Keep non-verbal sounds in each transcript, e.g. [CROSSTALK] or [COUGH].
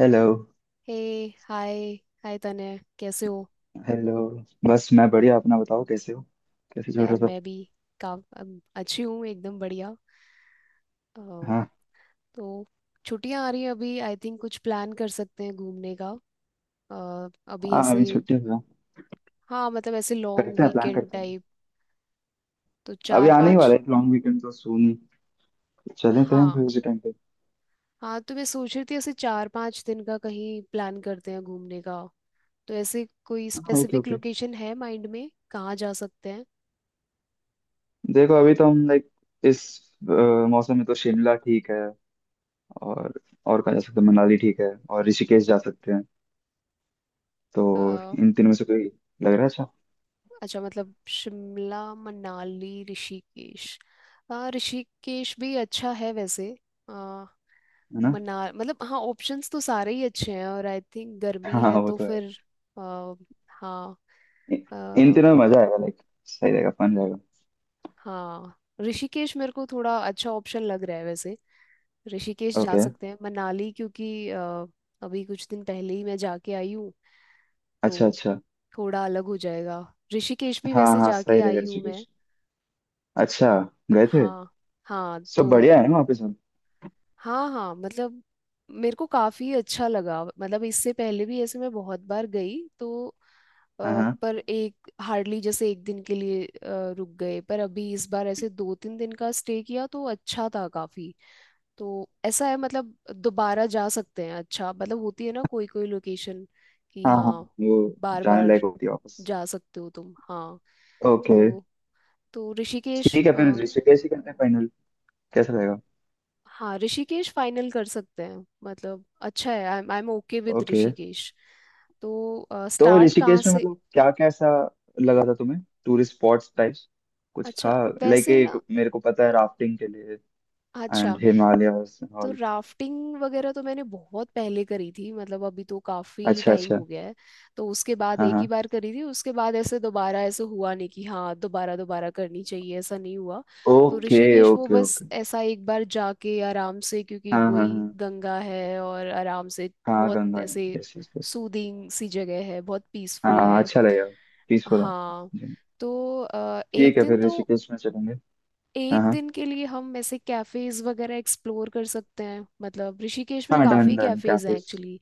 Hello. Hey hi hi तने कैसे हो? हेलो। बस मैं बढ़िया, अपना बताओ, कैसे हो? कैसे चल रहा यार सब? मैं भी अच्छी हूँ, एकदम बढ़िया। अ, हाँ, तो छुट्टियां आ रही हैं अभी, आई थिंक कुछ प्लान कर सकते हैं घूमने का। अभी हाँ ऐसे अभी छुट्टी हुआ। हाँ, मतलब ऐसे लॉन्ग करते हैं, प्लान वीकेंड करते हैं। टाइप। तो अभी चार आने ही वाला पाँच है लॉन्ग वीकेंड, तो सुन। चले थे हम फिर हाँ। उसी टाइम पे। हाँ, तो मैं सोच रही थी ऐसे 4-5 दिन का कहीं प्लान करते हैं घूमने का। तो ऐसे कोई हाँ। Okay, specific okay. लोकेशन है माइंड में कहाँ जा सकते देखो, अभी तो हम लाइक इस अ, मौसम में तो शिमला ठीक है। और और कहाँ जा सकते हैं? मनाली ठीक है और ऋषिकेश जा सकते हैं। तो हैं? इन तीनों में से कोई लग रहा है अच्छा? अच्छा, मतलब शिमला मनाली ऋषिकेश। हाँ, ऋषिकेश भी अच्छा है वैसे। आ, है ना। मना मतलब हाँ, ऑप्शंस तो सारे ही अच्छे हैं और आई थिंक गर्मी हाँ है वो तो तो है। फिर आ, हाँ। इ- इन आ, तीनों में मजा आएगा लाइक, सही रहेगा, फन रहेगा। हाँ, ऋषिकेश मेरे को थोड़ा अच्छा ऑप्शन लग रहा है वैसे। ऋषिकेश जा ओके। सकते हैं, मनाली क्योंकि अभी कुछ दिन पहले ही मैं जाके आई हूँ, अच्छा, तो अच्छा। थोड़ा अलग हो जाएगा। ऋषिकेश भी हाँ, वैसे हाँ, जाके सही रहेगा आई हूँ मैं। ऋषिकेश। अच्छा, गए थे। हाँ। हाँ सब तो बढ़िया है ना वापस सब? हाँ हाँ मतलब मेरे को काफी अच्छा लगा, मतलब इससे पहले भी ऐसे मैं बहुत बार गई तो हाँ, हाँ, पर एक हार्डली जैसे एक दिन के लिए रुक गए, पर अभी इस बार ऐसे 2-3 दिन का स्टे किया तो अच्छा था काफी। तो ऐसा है मतलब दोबारा जा सकते हैं, अच्छा मतलब होती है ना कोई कोई लोकेशन कि हाँ, हाँ, हाँ वो बार जाने बार लायक होती है वापस। जा सकते हो तुम। हाँ, ओके। तो तो ऋषिकेश ठीक है फिर, ऋषिकेश ही करते हैं फाइनल। कैसा रहेगा? हाँ, ऋषिकेश फाइनल कर सकते हैं, मतलब अच्छा है। I I am okay with okay. Rishikesh. तो तो स्टार्ट कहाँ ऋषिकेश में से? मतलब क्या कैसा लगा था तुम्हें? टूरिस्ट स्पॉट्स टाइप्स कुछ था? अच्छा लाइक, वैसे एक ना। मेरे को पता है राफ्टिंग के लिए अच्छा, एंड हिमालयस तो ऑल। राफ्टिंग वगैरह तो मैंने बहुत पहले करी थी, मतलब अभी तो काफी अच्छा, टाइम अच्छा। हो गया है। तो उसके बाद हाँ, एक ही हाँ। बार करी थी, उसके बाद ऐसे दोबारा ऐसे हुआ नहीं कि हाँ दोबारा दोबारा करनी चाहिए, ऐसा नहीं हुआ। तो ओके, ऋषिकेश वो ओके, बस ओके। ऐसा एक बार जाके आराम से, क्योंकि हाँ, हाँ, वही हाँ, गंगा है और आराम से हाँ, बहुत गंगा है, ऐसे यस यस यस। सूदिंग सी जगह है, बहुत पीसफुल हाँ, है। अच्छा लगेगा। पीसफुल है हाँ, जी। तो ठीक एक है दिन फिर, तो ऋषिकेश में चलेंगे। एक हाँ, हाँ, दिन के लिए हम ऐसे कैफेज वगैरह एक्सप्लोर कर सकते हैं, मतलब ऋषिकेश में हाँ, डन काफी डन कैफेज हैं कैफेज। एक्चुअली।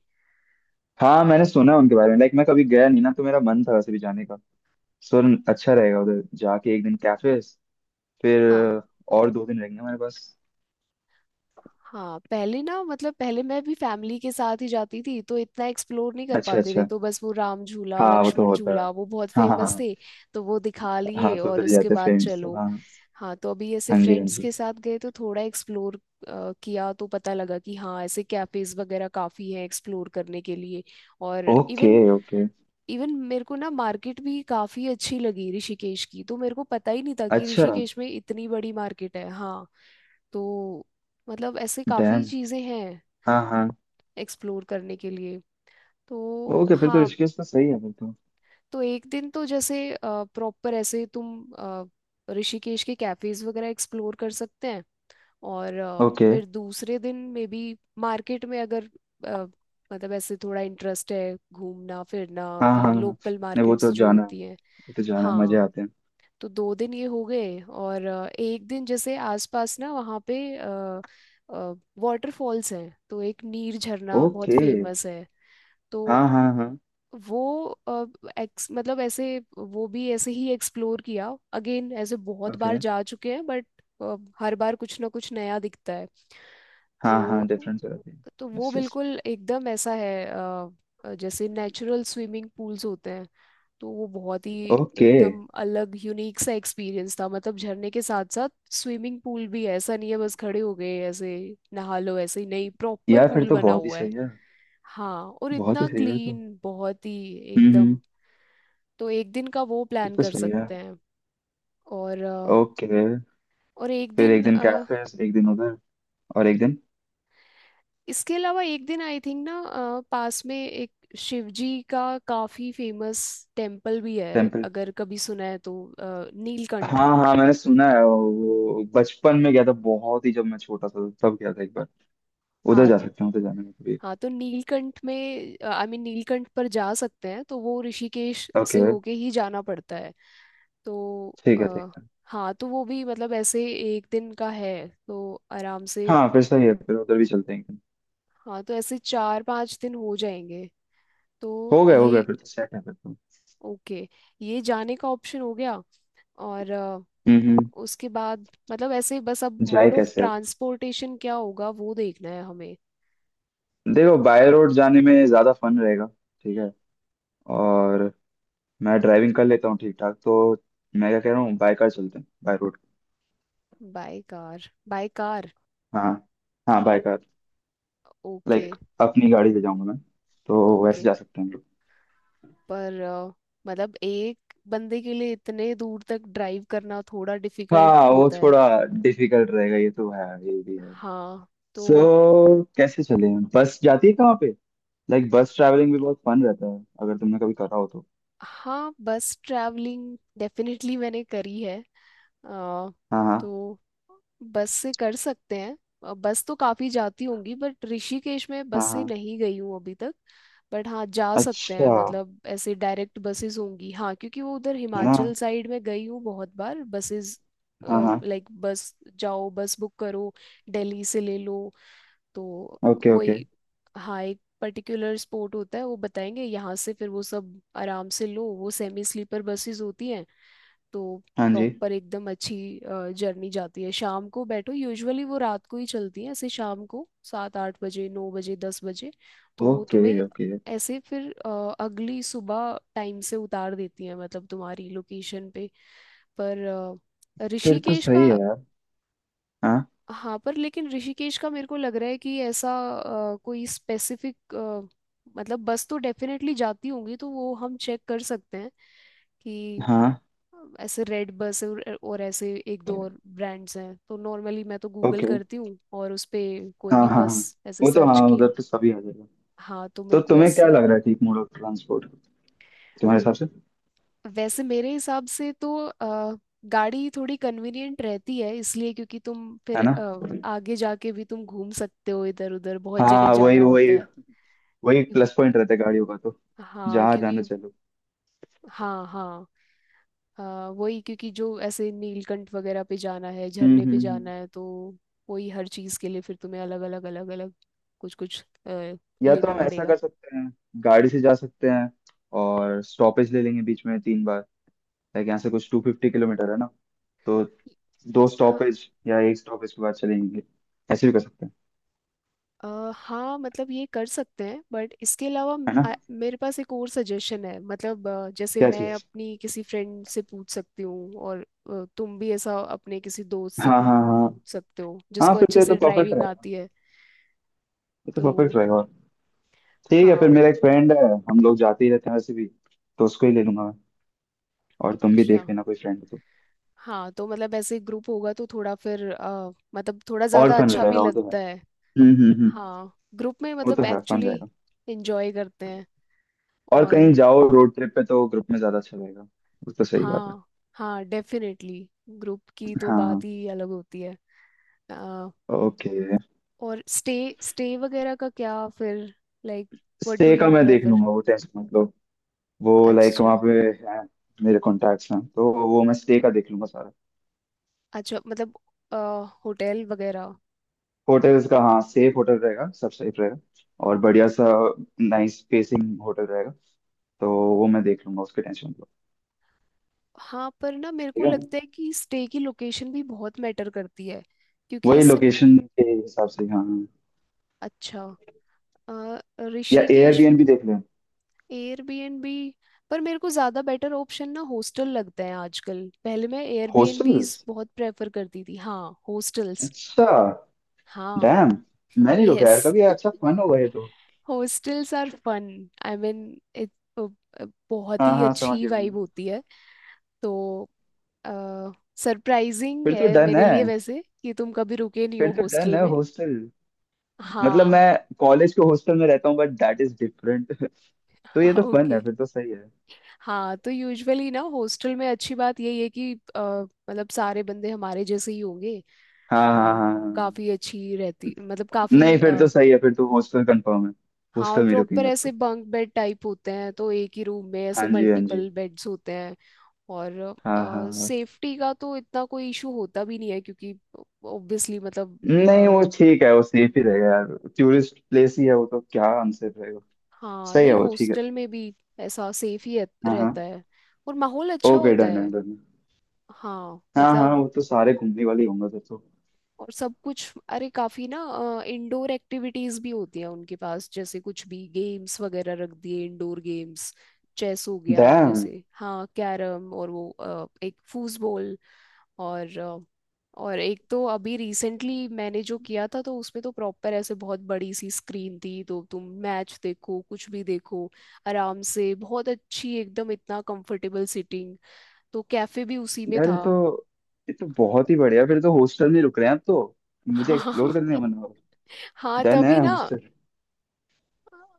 हाँ मैंने सुना है उनके बारे में लाइक, मैं कभी गया नहीं ना, तो मेरा मन था वैसे भी जाने का। सो, अच्छा रहेगा उधर जाके एक दिन कैफेज, फिर हाँ और दो दिन रहेंगे हमारे पास। हाँ, पहले ना मतलब पहले मैं भी फैमिली के साथ ही जाती थी, तो इतना एक्सप्लोर नहीं कर अच्छा, पाते थे, अच्छा। तो बस वो राम झूला हाँ वो तो लक्ष्मण होता है। झूला वो बहुत हाँ, हाँ, फेमस हाँ, थे, तो वो दिखा लिए हाँ तो और उधर ही उसके जाते बाद फ्रेंड्स तो, चलो। हाँ। हाँ, तो अभी ऐसे हाँ जी, हाँ फ्रेंड्स जी। के साथ गए तो थोड़ा एक्सप्लोर किया तो पता लगा कि हाँ ऐसे कैफेज वगैरह काफी हैं एक्सप्लोर करने के लिए। और ओके, इवन ओके। इवन मेरे को ना मार्केट भी काफी अच्छी लगी ऋषिकेश की, तो मेरे को पता ही नहीं था कि अच्छा। ऋषिकेश में इतनी बड़ी मार्केट है। हाँ, तो मतलब ऐसे काफी डैम। चीजें हैं हाँ, हाँ। एक्सप्लोर करने के लिए। तो ओके, फिर तो हाँ, ऋषिकेश तो सही है फिर तो। तो एक दिन तो जैसे प्रॉपर ऐसे तुम ऋषिकेश के कैफेज वगैरह एक्सप्लोर कर सकते हैं। और ओके। फिर दूसरे दिन में भी मार्केट में अगर अ, मतलब ऐसे थोड़ा इंटरेस्ट है घूमना फिरना हाँ, कि हाँ, हाँ, लोकल नहीं वो मार्केट्स तो जो जाना है होती हैं। वो तो जाना है, मजे हाँ, आते हैं। तो दो दिन ये हो गए और एक दिन जैसे आसपास ना वहाँ पे वाटरफॉल्स हैं, तो एक नीर झरना बहुत ओके। फेमस है। तो हाँ, हाँ, हाँ। वो अ, एक्स मतलब ऐसे वो भी ऐसे ही एक्सप्लोर किया अगेन, ऐसे बहुत ओके। बार जा चुके हैं बट हर बार कुछ ना कुछ नया दिखता है। हाँ, हाँ, तो डिफरेंस हो जाती है। तो वो यस यस। बिल्कुल एकदम ऐसा है, जैसे नेचुरल स्विमिंग पूल्स होते हैं। तो वो बहुत ही ओके। एकदम अलग यूनिक सा एक्सपीरियंस था, मतलब झरने के साथ साथ स्विमिंग पूल भी है, ऐसा नहीं है बस खड़े हो गए ऐसे नहा लो, ऐसे ही नहीं, प्रॉपर यार फिर पूल तो बना बहुत ही हुआ है। सही है, हाँ, और बहुत ही इतना सही है तो। क्लीन, बहुत ही हम्म, एकदम। तो एक दिन का वो फिर प्लान तो कर सही है। सकते हैं। और ओके। और एक फिर दिन एक दिन कैफेस, एक दिन उधर, और एक दिन इसके अलावा एक दिन आई थिंक ना पास में एक शिव जी का काफी फेमस टेम्पल भी है, टेम्पल। अगर कभी सुना है तो नीलकंठ। हाँ, हाँ, मैंने सुना है वो। वो बचपन में गया था, बहुत ही जब मैं छोटा था तब गया था एक बार। उधर हाँ जा सकते हैं, उधर जाने में कभी। हाँ तो नीलकंठ में आई मीन नीलकंठ पर जा सकते हैं, तो वो ऋषिकेश से ओके। होके ही जाना पड़ता है। तो ठीक है, ठीक है। हाँ, तो वो भी मतलब ऐसे एक दिन का है तो आराम से। हाँ, फिर सही है, फिर उधर भी चलते हैं एक दिन। हाँ, तो ऐसे 4-5 दिन हो जाएंगे। तो हो गए, हो गए, ये फिर तो सेट है फिर तो। ओके, ये जाने का ऑप्शन हो गया। और हम्म, हम्म। उसके बाद मतलब ऐसे ही बस, अब जाए मोड ऑफ कैसे अब? ट्रांसपोर्टेशन क्या होगा वो देखना है हमें। देखो, बाय रोड जाने में ज्यादा फन रहेगा। ठीक है। और मैं ड्राइविंग कर लेता हूँ ठीक ठाक तो। मैं क्या कह रहा हूँ, बाय कार चलते हैं, by road. By car by car. हाँ। हाँ, बाय कार। ओके। लाइक, अपनी गाड़ी से जाऊंगा मैं, तो वैसे ओके, जा सकते हैं हम लोग। पर मतलब एक बंदे के लिए इतने दूर तक ड्राइव करना थोड़ा डिफिकल्ट हाँ, वो होता है। थोड़ा डिफिकल्ट रहेगा, ये तो है, ये भी है। हाँ, सो, तो कैसे चले? बस जाती है कहाँ पे? लाइक, बस ट्रैवलिंग भी बहुत फन रहता है अगर तुमने कभी करा हो तो। हाँ, बस ट्रैवलिंग डेफिनेटली मैंने करी है। अ, हाँ, हाँ, तो बस से कर सकते हैं। बस तो काफ़ी जाती होंगी, बट ऋषिकेश में बस हाँ, से हाँ। नहीं गई हूँ अभी तक। बट हाँ जा सकते हैं, अच्छा। मतलब ऐसे डायरेक्ट बसेस होंगी हाँ, क्योंकि वो उधर है ना? हिमाचल साइड में गई हूँ बहुत बार बसेस। हाँ, हाँ। लाइक बस जाओ, बस बुक करो, दिल्ली से ले लो। तो ओके, ओके। वही हाँ, एक पर्टिकुलर स्पॉट होता है वो बताएंगे यहाँ से, फिर वो सब आराम से लो। वो सेमी स्लीपर बसेस होती हैं, तो हाँ जी। प्रॉपर एकदम अच्छी जर्नी जाती है। शाम को बैठो, यूजुअली वो रात को ही चलती हैं ऐसे, शाम को 7-8 बजे 9 बजे 10 बजे। तो वो ओके, तुम्हें ओके, ऐसे फिर अगली सुबह टाइम से उतार देती हैं, मतलब तुम्हारी लोकेशन पे। पर फिर तो ऋषिकेश का सही है यार। हाँ, हाँ पर लेकिन ऋषिकेश का मेरे को लग रहा है कि ऐसा कोई स्पेसिफिक, मतलब बस तो डेफिनेटली जाती होंगी तो वो हम चेक कर सकते हैं कि हाँ। ऐसे रेड बस और ऐसे एक दो और ब्रांड्स हैं, तो नॉर्मली मैं तो गूगल ओके। करती हूँ और उस पे कोई हाँ, भी हाँ, हाँ, बस ऐसे वो तो सर्च हाँ, उधर किया। तो सभी आ जाएगा। हाँ, तो तो मेरे को तुम्हें क्या ऐसे लग रहा है ठीक मोड ऑफ ट्रांसपोर्ट तुम्हारे हिसाब से? वैसे मेरे हिसाब से तो गाड़ी थोड़ी कन्वीनियंट रहती है इसलिए, क्योंकि तुम फिर है ना। आगे जाके भी तुम घूम सकते हो, इधर उधर बहुत जगह हाँ, वही जाना होता वही। है। वही प्लस पॉइंट रहता है गाड़ियों का तो, हाँ जहाँ जाना क्योंकि चलो। हाँ हाँ हाँ, वही क्योंकि जो ऐसे नीलकंठ वगैरह पे जाना है, हम्म, झरने पे हम्म, जाना है, तो वही हर चीज़ के लिए फिर तुम्हें अलग अलग अलग अलग कुछ कुछ या तो लेना हम ऐसा पड़ेगा। कर सकते हैं, गाड़ी से जा सकते हैं और स्टॉपेज ले लेंगे बीच में तीन बार। लाइक, यहाँ से कुछ 250 किलोमीटर है ना, तो दो हाँ स्टॉपेज या एक स्टॉपेज के बाद चलेंगे, ऐसे भी कर सकते हैं। अ, हाँ, मतलब ये कर सकते हैं बट इसके अलावा है ना? मेरे पास एक और सजेशन है, मतलब जैसे क्या मैं चीज? अपनी किसी फ्रेंड से पूछ सकती हूँ और तुम भी ऐसा अपने किसी दोस्त से हाँ, पूछ हाँ, हाँ, पूछ सकते हो हाँ, जिसको फिर तो अच्छे ये तो से परफेक्ट ड्राइविंग रहेगा, आती है। ये तो तो परफेक्ट रहेगा। ठीक है फिर, हाँ मेरा एक फ्रेंड है, हम लोग जाते ही रहते हैं वैसे भी, तो उसको ही ले लूंगा मैं। और तुम भी अच्छा, देख लेना कोई फ्रेंड हो तो। हाँ तो मतलब ऐसे ग्रुप होगा तो थोड़ा फिर मतलब थोड़ा और ज्यादा फन अच्छा भी रहेगा, वो तो है। लगता है। हम्म, हम्म, हम्म। हाँ ग्रुप में वो तो मतलब है, फन एक्चुअली रहेगा। एंजॉय करते हैं। और कहीं और जाओ रोड ट्रिप पे तो ग्रुप में ज्यादा अच्छा रहेगा, वो तो सही बात है। हाँ हाँ डेफिनेटली, ग्रुप की तो बात हाँ। ही अलग होती है। अ, ओके। और स्टे स्टे वगैरह का क्या फिर? लाइक व्हाट डू स्टे का यू मैं देख प्रेफर? लूंगा, वो टेंशन मत लो। वो लाइक वहाँ अच्छा, पे है, मेरे कॉन्टैक्ट्स हैं, तो वो मैं स्टे का देख लूंगा सारा। अच्छा मतलब होटल वगैरह। होटल्स का हाँ, सेफ होटल रहेगा, सब सेफ रहेगा। और बढ़िया सा, नाइस स्पेसिंग होटल रहेगा तो। वो मैं देख लूंगा, उसकी टेंशन मत लो। हाँ, पर ना मेरे को ठीक है, लगता है कि स्टे की लोकेशन भी बहुत मैटर करती है, क्योंकि वही इससे। लोकेशन के हिसाब से, हाँ हाँ। अच्छा अ, या ऋषिकेश एयरबीएनबी देख लें? एयरबीएनबी, पर मेरे को ज़्यादा बेटर ऑप्शन ना हॉस्टल लगता है आजकल। पहले मैं हॉस्टल्स। एयरबीएनबीज बहुत प्रेफर करती थी। हाँ, हॉस्टल्स। अच्छा। हाँ। डैम, मैं नहीं रुका यार यस, कभी, अच्छा फन होगा ये तो। Hostels are fun, I mean it बहुत हाँ, ही हाँ समझ अच्छी गया मैं। वाइब होती है। तो सरप्राइजिंग फिर तो है डन मेरे है, लिए वैसे कि तुम कभी रुके नहीं हो फिर तो डन हॉस्टल है में। हॉस्टल। मतलब हाँ। मैं कॉलेज के हॉस्टल में रहता हूँ बट दैट इज डिफरेंट। [LAUGHS] तो ये [LAUGHS] तो फन है, ओके। फिर तो सही है। हाँ, तो यूजुअली ना हॉस्टल में अच्छी बात यही है कि मतलब सारे बंदे हमारे जैसे ही होंगे, हाँ, तो हाँ, हाँ, वो काफी हाँ। अच्छी रहती, मतलब काफी नहीं फिर तो सही है फिर तो, हॉस्टल कंफर्म है। हाँ। और हॉस्टल में प्रॉपर रुकेंगे अब ऐसे तो। बंक बेड टाइप होते हैं, तो एक ही रूम में ऐसे हाँ जी, हाँ जी। मल्टीपल बेड्स होते हैं। और हाँ, हाँ, हाँ। सेफ्टी का तो इतना कोई इशू होता भी नहीं है, क्योंकि ऑब्वियसली मतलब नहीं अ, वो ठीक है, वो सेफ ही रहेगा यार। टूरिस्ट प्लेस ही है वो तो, क्या आंसर रहेगा। हाँ सही है, नहीं, वो ठीक है। हॉस्टल में भी ऐसा सेफ ही हाँ, रहता हाँ। है और माहौल अच्छा ओके, होता डन है है। डन। हाँ हाँ, हाँ, मतलब, वो तो सारे घूमने वाले ही होंगे फिर तो। और सब कुछ। अरे काफी ना इंडोर एक्टिविटीज भी होती हैं उनके पास, जैसे कुछ भी गेम्स वगैरह रख दिए इंडोर गेम्स। चेस हो गया डैम जैसे हाँ, कैरम, और वो एक फूसबॉल। और और एक तो अभी रिसेंटली मैंने जो किया था तो उसमें तो प्रॉपर ऐसे बहुत बड़ी सी स्क्रीन थी, तो तुम मैच देखो कुछ भी देखो आराम से, बहुत अच्छी एकदम, इतना कंफर्टेबल सिटिंग। तो कैफे भी उसी में यार, ये था। तो ये तो बहुत ही बढ़िया, फिर तो हॉस्टल में रुक रहे हैं आप तो। [LAUGHS] मुझे हाँ एक्सप्लोर करने का मन हो। हाँ डन है तभी ना। हॉस्टल।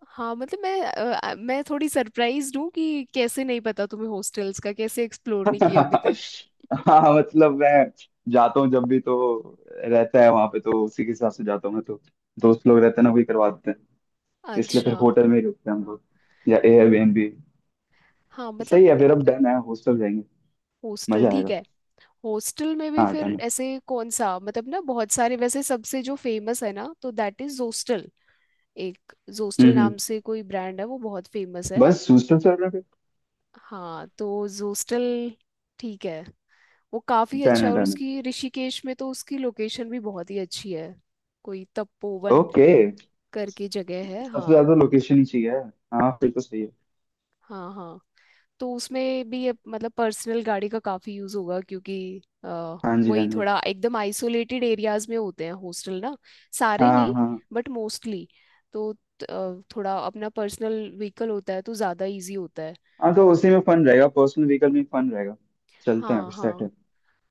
हाँ मतलब मैं मैं थोड़ी सरप्राइज्ड हूँ कि कैसे नहीं पता तुम्हें हॉस्टल्स का, कैसे एक्सप्लोर नहीं किया अभी तक। [LAUGHS] हाँ मतलब मैं जाता हूँ जब भी तो, रहता है वहां पे तो उसी के हिसाब से जाता हूँ मैं तो। दोस्त लोग रहते हैं ना, वही करवा देते हैं, इसलिए फिर अच्छा। होटल में ही रुकते हैं हम लोग, या एयरबीएनबी। हाँ मतलब सही है फिर, अब डन है, हॉस्टल जाएंगे, हॉस्टल मजा ठीक आएगा। है। हॉस्टल में भी हाँ, फिर डन है। ऐसे कौन सा, मतलब ना बहुत सारे वैसे, सबसे जो फेमस है ना, तो दैट इज जोस्टल। एक हम्म, जोस्टल हम्म, नाम से कोई ब्रांड है, वो बहुत फेमस है। बस हॉस्टल चल रहा है। हाँ तो जोस्टल ठीक है। वो काफी डन अच्छा है। है, और डन उसकी ऋषिकेश में तो उसकी लोकेशन भी बहुत ही अच्छी है, कोई है। तपोवन ओके। करके जगह है। सबसे हाँ ज्यादा लोकेशन ही चाहिए। हाँ, फिर तो सही है। हाँ हाँ, तो उसमें भी ये मतलब पर्सनल गाड़ी का काफी यूज होगा, क्योंकि अ, हाँ जी, हाँ वही जी। थोड़ा एकदम आइसोलेटेड एरियाज में होते हैं हॉस्टल ना, सारे हाँ, नहीं हाँ, बट मोस्टली। तो थोड़ा अपना पर्सनल व्हीकल होता है तो ज्यादा इजी होता है। हाँ, तो उसी में फन रहेगा, पर्सनल व्हीकल में फन रहेगा। चलते हैं हाँ फिर, सेट हाँ। है।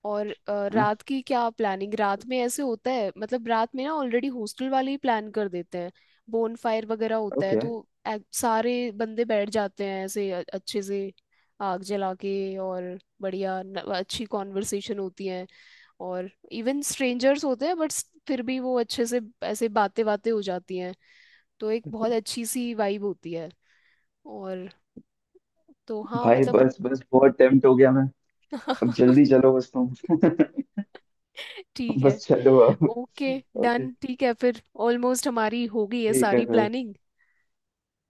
और है ना। रात की क्या प्लानिंग? रात में ऐसे होता है, मतलब रात में ना ऑलरेडी हॉस्टल वाले ही प्लान कर देते हैं, बोन फायर वगैरह होता है, ओके। तो सारे बंदे बैठ जाते हैं ऐसे अच्छे से आग जला के, और बढ़िया अच्छी कॉन्वर्सेशन होती है। और इवन स्ट्रेंजर्स होते हैं बट फिर भी वो अच्छे से ऐसे बातें बातें हो जाती हैं, तो एक बहुत अच्छी सी वाइब होती है। और तो हाँ भाई मतलब। बस, बस बहुत टेम्प्ट हो गया मैं। अब जल्दी [LAUGHS] चलो बस तुम। ठीक [LAUGHS] है। बस चलो अब। ओके ओके, डन, ठीक है, फिर ऑलमोस्ट हमारी हो गई है ठीक है सारी फिर। प्लानिंग।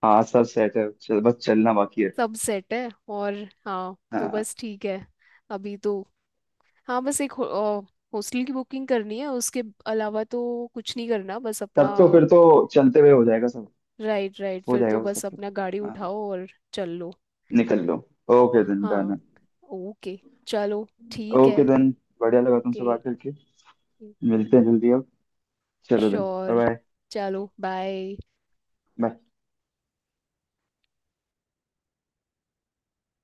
हाँ, सब सेट है, चल, बस चलना बाकी है। सब सेट है। और हाँ तो हाँ, बस ठीक है। अभी तो हाँ, बस एक हॉस्टल की बुकिंग करनी है, उसके अलावा तो कुछ नहीं करना बस अपना। तब तो फिर तो चलते हुए हो जाएगा सब, राइट राइट, हो फिर जाएगा तो वो सब बस तो। अपना गाड़ी हाँ, उठाओ और चल लो। निकल लो। ओके देन, हाँ डन। ओके चलो ठीक है। ओके देन, बढ़िया लगा तुमसे ओके बात करके। मिलते हैं जल्दी अब। चलो देन, श्योर, बाय। चलो बाय। बाय।